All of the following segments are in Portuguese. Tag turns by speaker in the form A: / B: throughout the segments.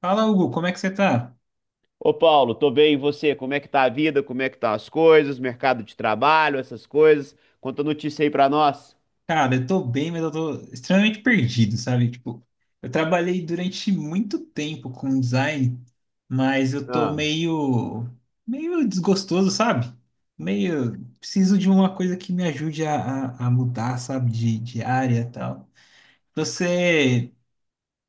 A: Fala, Hugo, como é que você tá?
B: Ô Paulo, tô bem, e você? Como é que tá a vida? Como é que tá as coisas? Mercado de trabalho, essas coisas? Conta notícia aí pra nós.
A: Cara, eu tô bem, mas eu tô extremamente perdido, sabe? Tipo, eu trabalhei durante muito tempo com design, mas eu tô
B: Ah.
A: meio, meio desgostoso, sabe? Meio, preciso de uma coisa que me ajude a mudar, sabe? De área e tal. Você,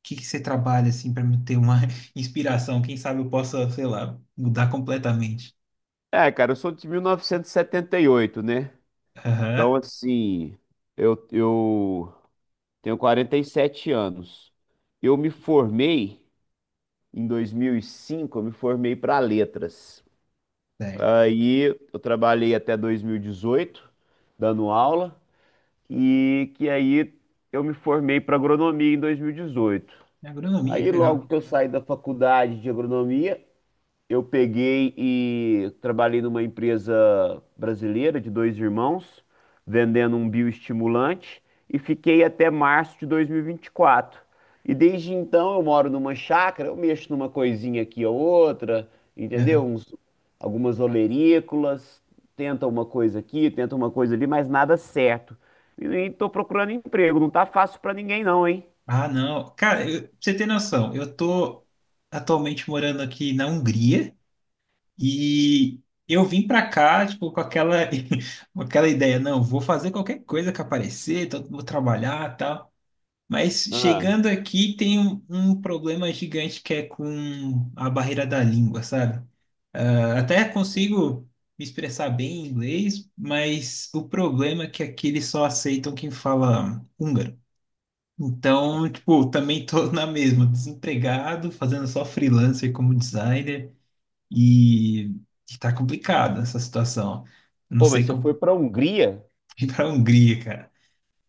A: o que que você trabalha, assim, pra me ter uma inspiração? Quem sabe eu possa, sei lá, mudar completamente.
B: É, cara, eu sou de mil novecentos e setenta e oito, né? Então,
A: Aham,
B: assim, eu tenho 47 anos. Eu me formei em 2005. Eu me formei para letras.
A: certo.
B: Aí eu trabalhei até 2018 dando aula, e que aí eu me formei para agronomia em 2018.
A: Agronomia, que
B: Aí, logo
A: legal.
B: que eu saí da faculdade de agronomia, eu peguei e trabalhei numa empresa brasileira de dois irmãos, vendendo um bioestimulante, e fiquei até março de 2024. E vinte e quatro. E desde então eu moro numa chácara, eu mexo numa coisinha aqui ou outra, entendeu? Algumas olerícolas, tenta uma coisa aqui, tenta uma coisa ali, mas nada certo. E tô procurando emprego, não tá fácil pra ninguém não, hein?
A: Ah, não. Cara, pra você ter noção, eu tô atualmente morando aqui na Hungria e eu vim pra cá, tipo, com aquela, com aquela ideia, não, vou fazer qualquer coisa que aparecer, então vou trabalhar e tal. Mas
B: Ah.
A: chegando aqui tem um problema gigante que é com a barreira da língua, sabe? Ah, até consigo me expressar bem em inglês, mas o problema é que aqui eles só aceitam quem fala húngaro. Então, tipo, também tô na mesma, desempregado, fazendo só freelancer como designer e e tá complicada essa situação. Não
B: Pô, mas
A: sei
B: você foi
A: como
B: pra Hungria?
A: ir para a Hungria, cara.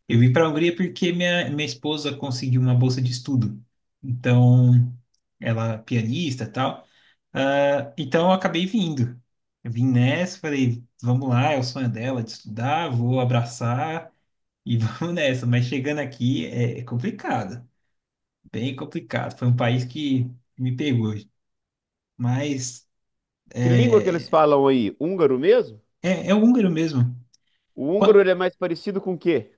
A: Eu vim para a Hungria porque minha esposa conseguiu uma bolsa de estudo. Então, ela é pianista e tal. Ah, então, eu acabei vindo. Eu vim nessa, falei, vamos lá, é o sonho dela de estudar, vou abraçar e vamos nessa. Mas chegando aqui é complicado. Bem complicado. Foi um país que me pegou. Mas
B: Que língua que eles
A: é,
B: falam aí? Húngaro mesmo?
A: é o húngaro mesmo.
B: O húngaro
A: Qua-
B: ele é mais parecido com o quê?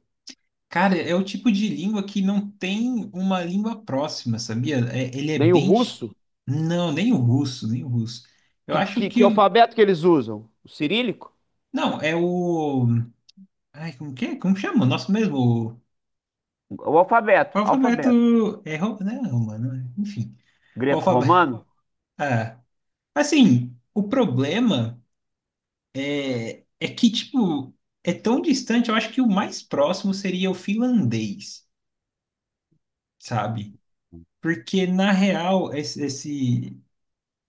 A: Cara, é o tipo de língua que não tem uma língua próxima, sabia? Ele é
B: Nem o
A: bem.
B: russo?
A: Não, nem o russo, nem o russo. Eu
B: Que,
A: acho
B: que, que
A: que.
B: alfabeto que eles usam? O cirílico?
A: Não, é o. Ai, como que é? Como chama? Nosso mesmo. O
B: O
A: o
B: alfabeto, alfabeto.
A: alfabeto. É, né? Romano, né? Enfim. O alfabeto.
B: Greco-romano?
A: Ah, assim, o problema. É que, tipo, é tão distante, eu acho que o mais próximo seria o finlandês, sabe? Porque, na real, esse, esse,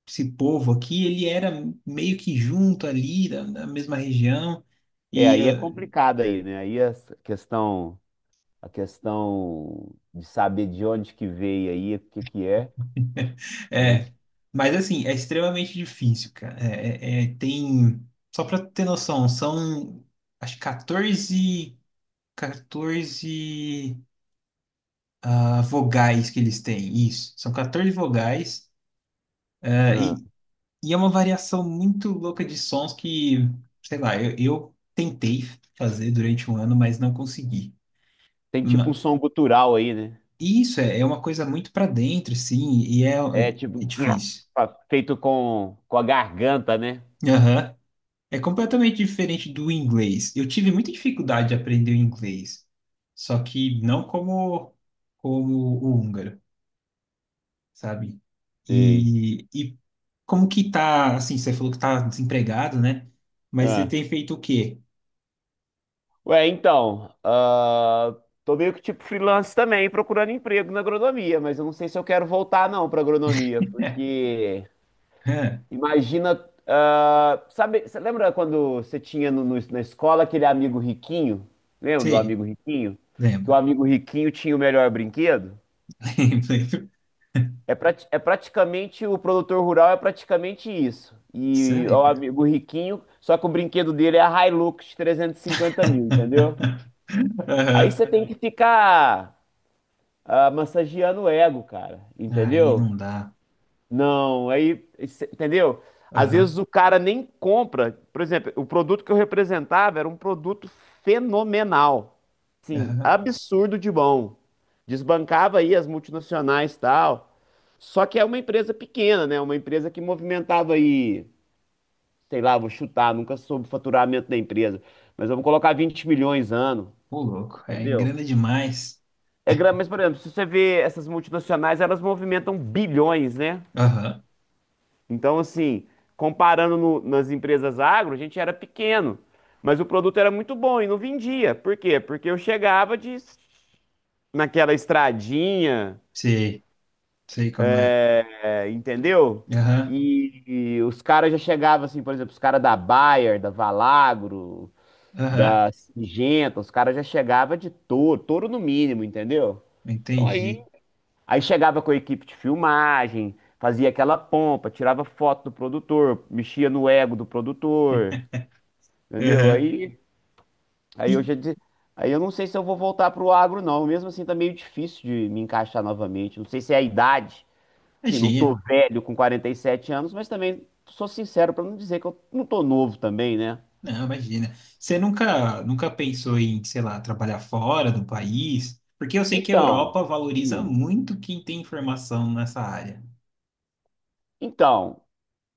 A: esse povo aqui, ele era meio que junto ali, da mesma região,
B: É,
A: e...
B: aí é complicado aí, né? Aí questão, a questão de saber de onde que veio aí, o que que é, né?
A: é, mas, assim, é extremamente difícil, cara. É, tem... Só pra ter noção, são, acho que 14 14 vogais que eles têm, isso. São 14 vogais.
B: Ah,
A: E é uma variação muito louca de sons que, sei lá, eu tentei fazer durante um ano, mas não consegui.
B: tem tipo um
A: Ma-
B: som gutural aí, né?
A: e isso é uma coisa muito pra dentro, sim, e é,
B: É
A: é
B: tipo
A: difícil.
B: feito com a garganta, né?
A: Aham. É completamente diferente do inglês. Eu tive muita dificuldade de aprender o inglês, só que não como o húngaro, sabe?
B: Sei.
A: E como que tá, assim, você falou que tá desempregado, né? Mas você
B: Ah.
A: tem feito o quê?
B: Ué, então, ah, tô meio que tipo freelance também, procurando emprego na agronomia, mas eu não sei se eu quero voltar não para agronomia, porque imagina, ah, sabe, você lembra quando você tinha na escola aquele amigo riquinho? Lembra do
A: Sim,
B: amigo riquinho? Que o
A: lembra.
B: amigo riquinho tinha o melhor brinquedo?
A: Lembro, lembro.
B: É praticamente, o produtor rural é praticamente isso. E
A: Sério,
B: o
A: cara.
B: amigo riquinho, só que o brinquedo dele é a Hilux de 350 mil, entendeu? Aí
A: Aham.
B: você tem que ficar massageando o ego, cara,
A: Aí
B: entendeu?
A: não dá.
B: Não, aí, isso, entendeu? Às vezes
A: Aham,
B: o cara nem compra. Por exemplo, o produto que eu representava era um produto fenomenal. Sim,
A: aham.
B: absurdo de bom. Desbancava aí as multinacionais e tal. Só que é uma empresa pequena, né? Uma empresa que movimentava aí, sei lá, vou chutar, nunca soube o faturamento da empresa, mas vamos colocar 20 milhões ano,
A: Ô, louco, é
B: entendeu?
A: grana demais.
B: É grande, mas, por exemplo, se você vê essas multinacionais, elas movimentam bilhões, né?
A: Aham,
B: Então, assim, comparando nas empresas agro, a gente era pequeno, mas o produto era muito bom e não vendia. Por quê? Porque eu chegava de, naquela estradinha,
A: sei, sei como é.
B: é, entendeu?
A: Aham,
B: E, e os caras já chegavam, assim, por exemplo, os caras da Bayer, da Valagro,
A: aham.
B: da Singenta, os caras já chegavam de touro, touro no mínimo, entendeu? Então
A: Entendi.
B: aí Aí chegava com a equipe de filmagem, fazia aquela pompa, tirava foto do produtor, mexia no ego do produtor, entendeu?
A: Aham.
B: Aí, aí eu
A: E
B: já disse, aí eu não sei se eu vou voltar pro agro não, mesmo assim tá meio difícil de me encaixar novamente. Não sei se é a idade, assim, não
A: imagina.
B: tô velho com 47 anos, mas também sou sincero pra não dizer que eu não tô novo também, né?
A: Não, imagina. Você nunca pensou em, sei lá, trabalhar fora do país? Porque eu sei que a
B: Então,
A: Europa valoriza
B: hum,
A: muito quem tem informação nessa área.
B: então,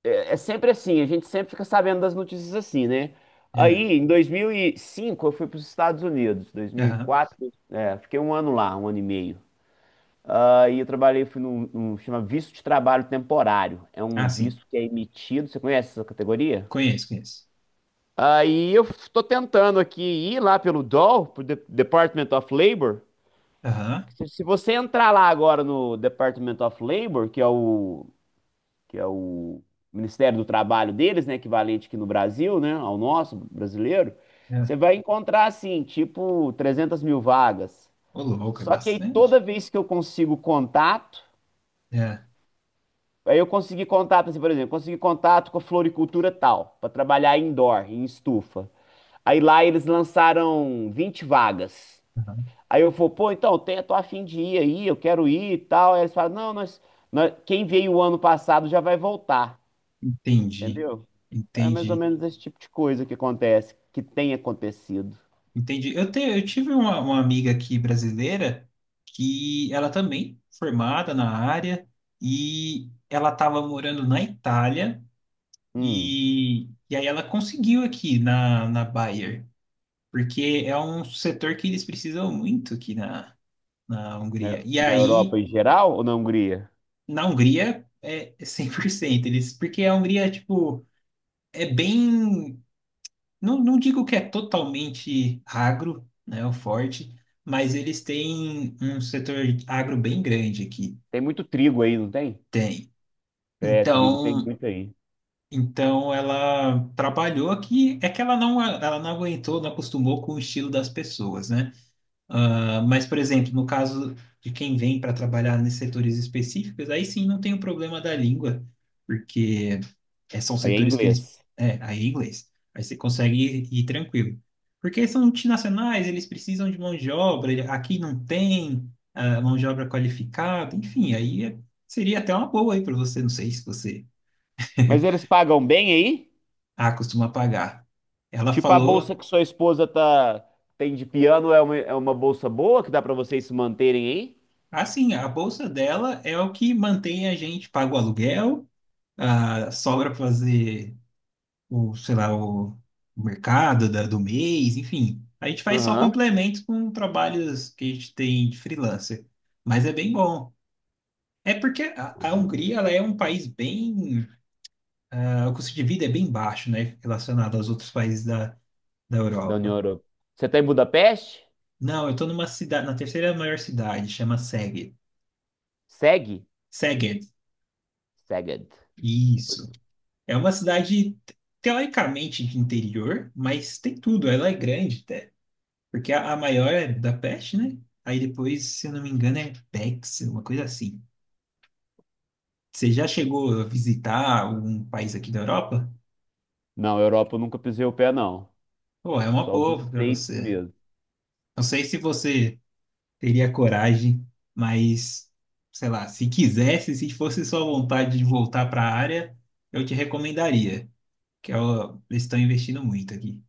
B: é sempre assim, a gente sempre fica sabendo das notícias assim, né?
A: É,
B: Aí, em 2005, eu fui para os Estados Unidos,
A: aham.
B: 2004, é, fiquei um ano lá, um ano e meio. Aí eu trabalhei, fui chama visto de trabalho temporário. É
A: Ah,
B: um
A: sim.
B: visto que é emitido, você conhece essa categoria?
A: Conheço, conheço.
B: Aí eu estou tentando aqui ir lá pelo DOL, pro Department of Labor. Se você entrar lá agora no Department of Labor, que é o Ministério do Trabalho deles, né, equivalente aqui no Brasil, né, ao nosso brasileiro, você
A: É.
B: vai encontrar assim, tipo 300 mil vagas.
A: Ô, louco, é
B: Só que aí toda
A: bastante.
B: vez que eu consigo contato,
A: É.
B: aí eu consegui contato, assim, por exemplo, consegui contato com a floricultura tal, para trabalhar indoor, em estufa. Aí lá eles lançaram 20 vagas.
A: Aham.
B: Aí eu falo, pô, então, tô a de ir aí, eu quero ir e tal. Aí eles falam, não, quem veio o ano passado já vai voltar,
A: Entendi.
B: entendeu? É mais ou
A: Entendi.
B: menos esse tipo de coisa que acontece, que tem acontecido.
A: Entendi. Eu tive uma amiga aqui brasileira que ela também formada na área e ela estava morando na Itália
B: Hum,
A: e aí ela conseguiu aqui na Bayer, porque é um setor que eles precisam muito aqui na
B: na,
A: Hungria. E
B: na Europa
A: aí,
B: em geral ou na Hungria?
A: na Hungria, é 100% eles, porque a Hungria, tipo, é bem. Não, digo que é totalmente agro, né, o forte, mas eles têm um setor agro bem grande aqui.
B: Tem muito trigo aí, não tem?
A: Tem.
B: É, trigo tem
A: Então,
B: muito aí.
A: então ela trabalhou aqui, é que ela não aguentou, não acostumou com o estilo das pessoas, né? Ah, mas, por exemplo, no caso de quem vem para trabalhar nesses setores específicos, aí sim não tem o problema da língua, porque é, são
B: Aí é
A: setores que eles.
B: inglês.
A: É, aí é inglês. Aí você consegue ir tranquilo. Porque são multinacionais, eles precisam de mão de obra, aqui não tem mão de obra qualificada, enfim, seria até uma boa aí para você, não sei se você
B: Mas eles pagam bem aí?
A: ah, costuma pagar. Ela
B: Tipo a
A: falou,
B: bolsa que sua esposa tá tem de piano é uma bolsa boa que dá pra vocês se manterem aí?
A: assim, a bolsa dela é o que mantém a gente, paga o aluguel. Ah, sobra para fazer o, sei lá, o mercado do mês, enfim. A gente faz só
B: Aham.
A: complementos com trabalhos que a gente tem de freelancer. Mas é bem bom. É porque a Hungria, ela é um país bem... ah, o custo de vida é bem baixo, né? Relacionado aos outros países da
B: Da União
A: Europa.
B: Europeia. Você tá em Budapeste?
A: Não, eu tô numa cidade, na terceira maior cidade, chama Szeged.
B: Segue?
A: Szeged,
B: Seged.
A: isso. É uma cidade teoricamente de interior, mas tem tudo. Ela é grande, porque a maior é da Peste, né? Aí depois, se eu não me engano, é Pex, uma coisa assim. Você já chegou a visitar algum país aqui da Europa?
B: Não, Europa eu nunca pisei o pé, não.
A: Pô, é uma
B: Só os
A: boa para
B: States
A: você.
B: mesmo.
A: Não sei se você teria coragem, mas sei lá, se quisesse, se fosse sua vontade de voltar para a área, eu te recomendaria, que é eles estão investindo muito aqui.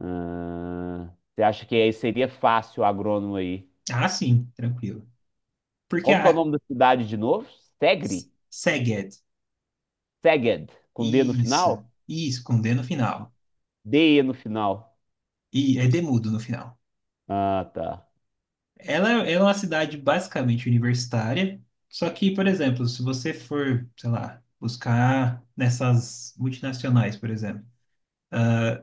B: Ah, você acha que aí seria fácil o agrônomo aí?
A: Ah, sim, tranquilo. Porque
B: Como que é o
A: a
B: nome da cidade de novo? Segre?
A: Szeged,
B: Seged, com D no final?
A: isso, com D no final.
B: DE no final.
A: E é demudo no final.
B: Ah, tá.
A: Ela é uma cidade basicamente universitária, só que, por exemplo, se você for, sei lá, buscar nessas multinacionais, por exemplo,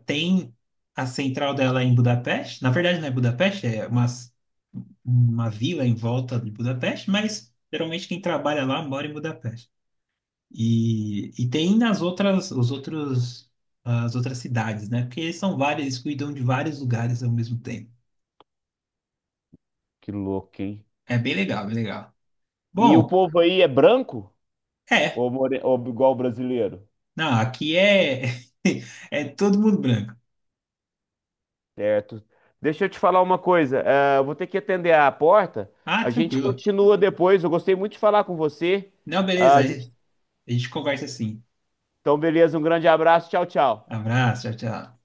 A: tem a central dela em Budapeste. Na verdade, não é Budapeste, é uma vila em volta de Budapeste, mas geralmente quem trabalha lá mora em Budapeste. E tem nas outras, os outros, as outras cidades, né? Porque eles são vários, eles cuidam de vários lugares ao mesmo tempo.
B: Que louco, hein?
A: É bem legal, bem legal.
B: E o
A: Bom,
B: povo aí é branco?
A: é.
B: Ou, more... ou igual o brasileiro?
A: Não, aqui é, é todo mundo branco.
B: Certo. Deixa eu te falar uma coisa. Eu vou ter que atender a porta.
A: Ah,
B: A gente
A: tranquilo.
B: continua depois. Eu gostei muito de falar com você.
A: Não,
B: Ah,
A: beleza.
B: a gente...
A: Aí a gente conversa assim.
B: Então, beleza. Um grande abraço. Tchau, tchau.
A: Abraço, tchau, tchau.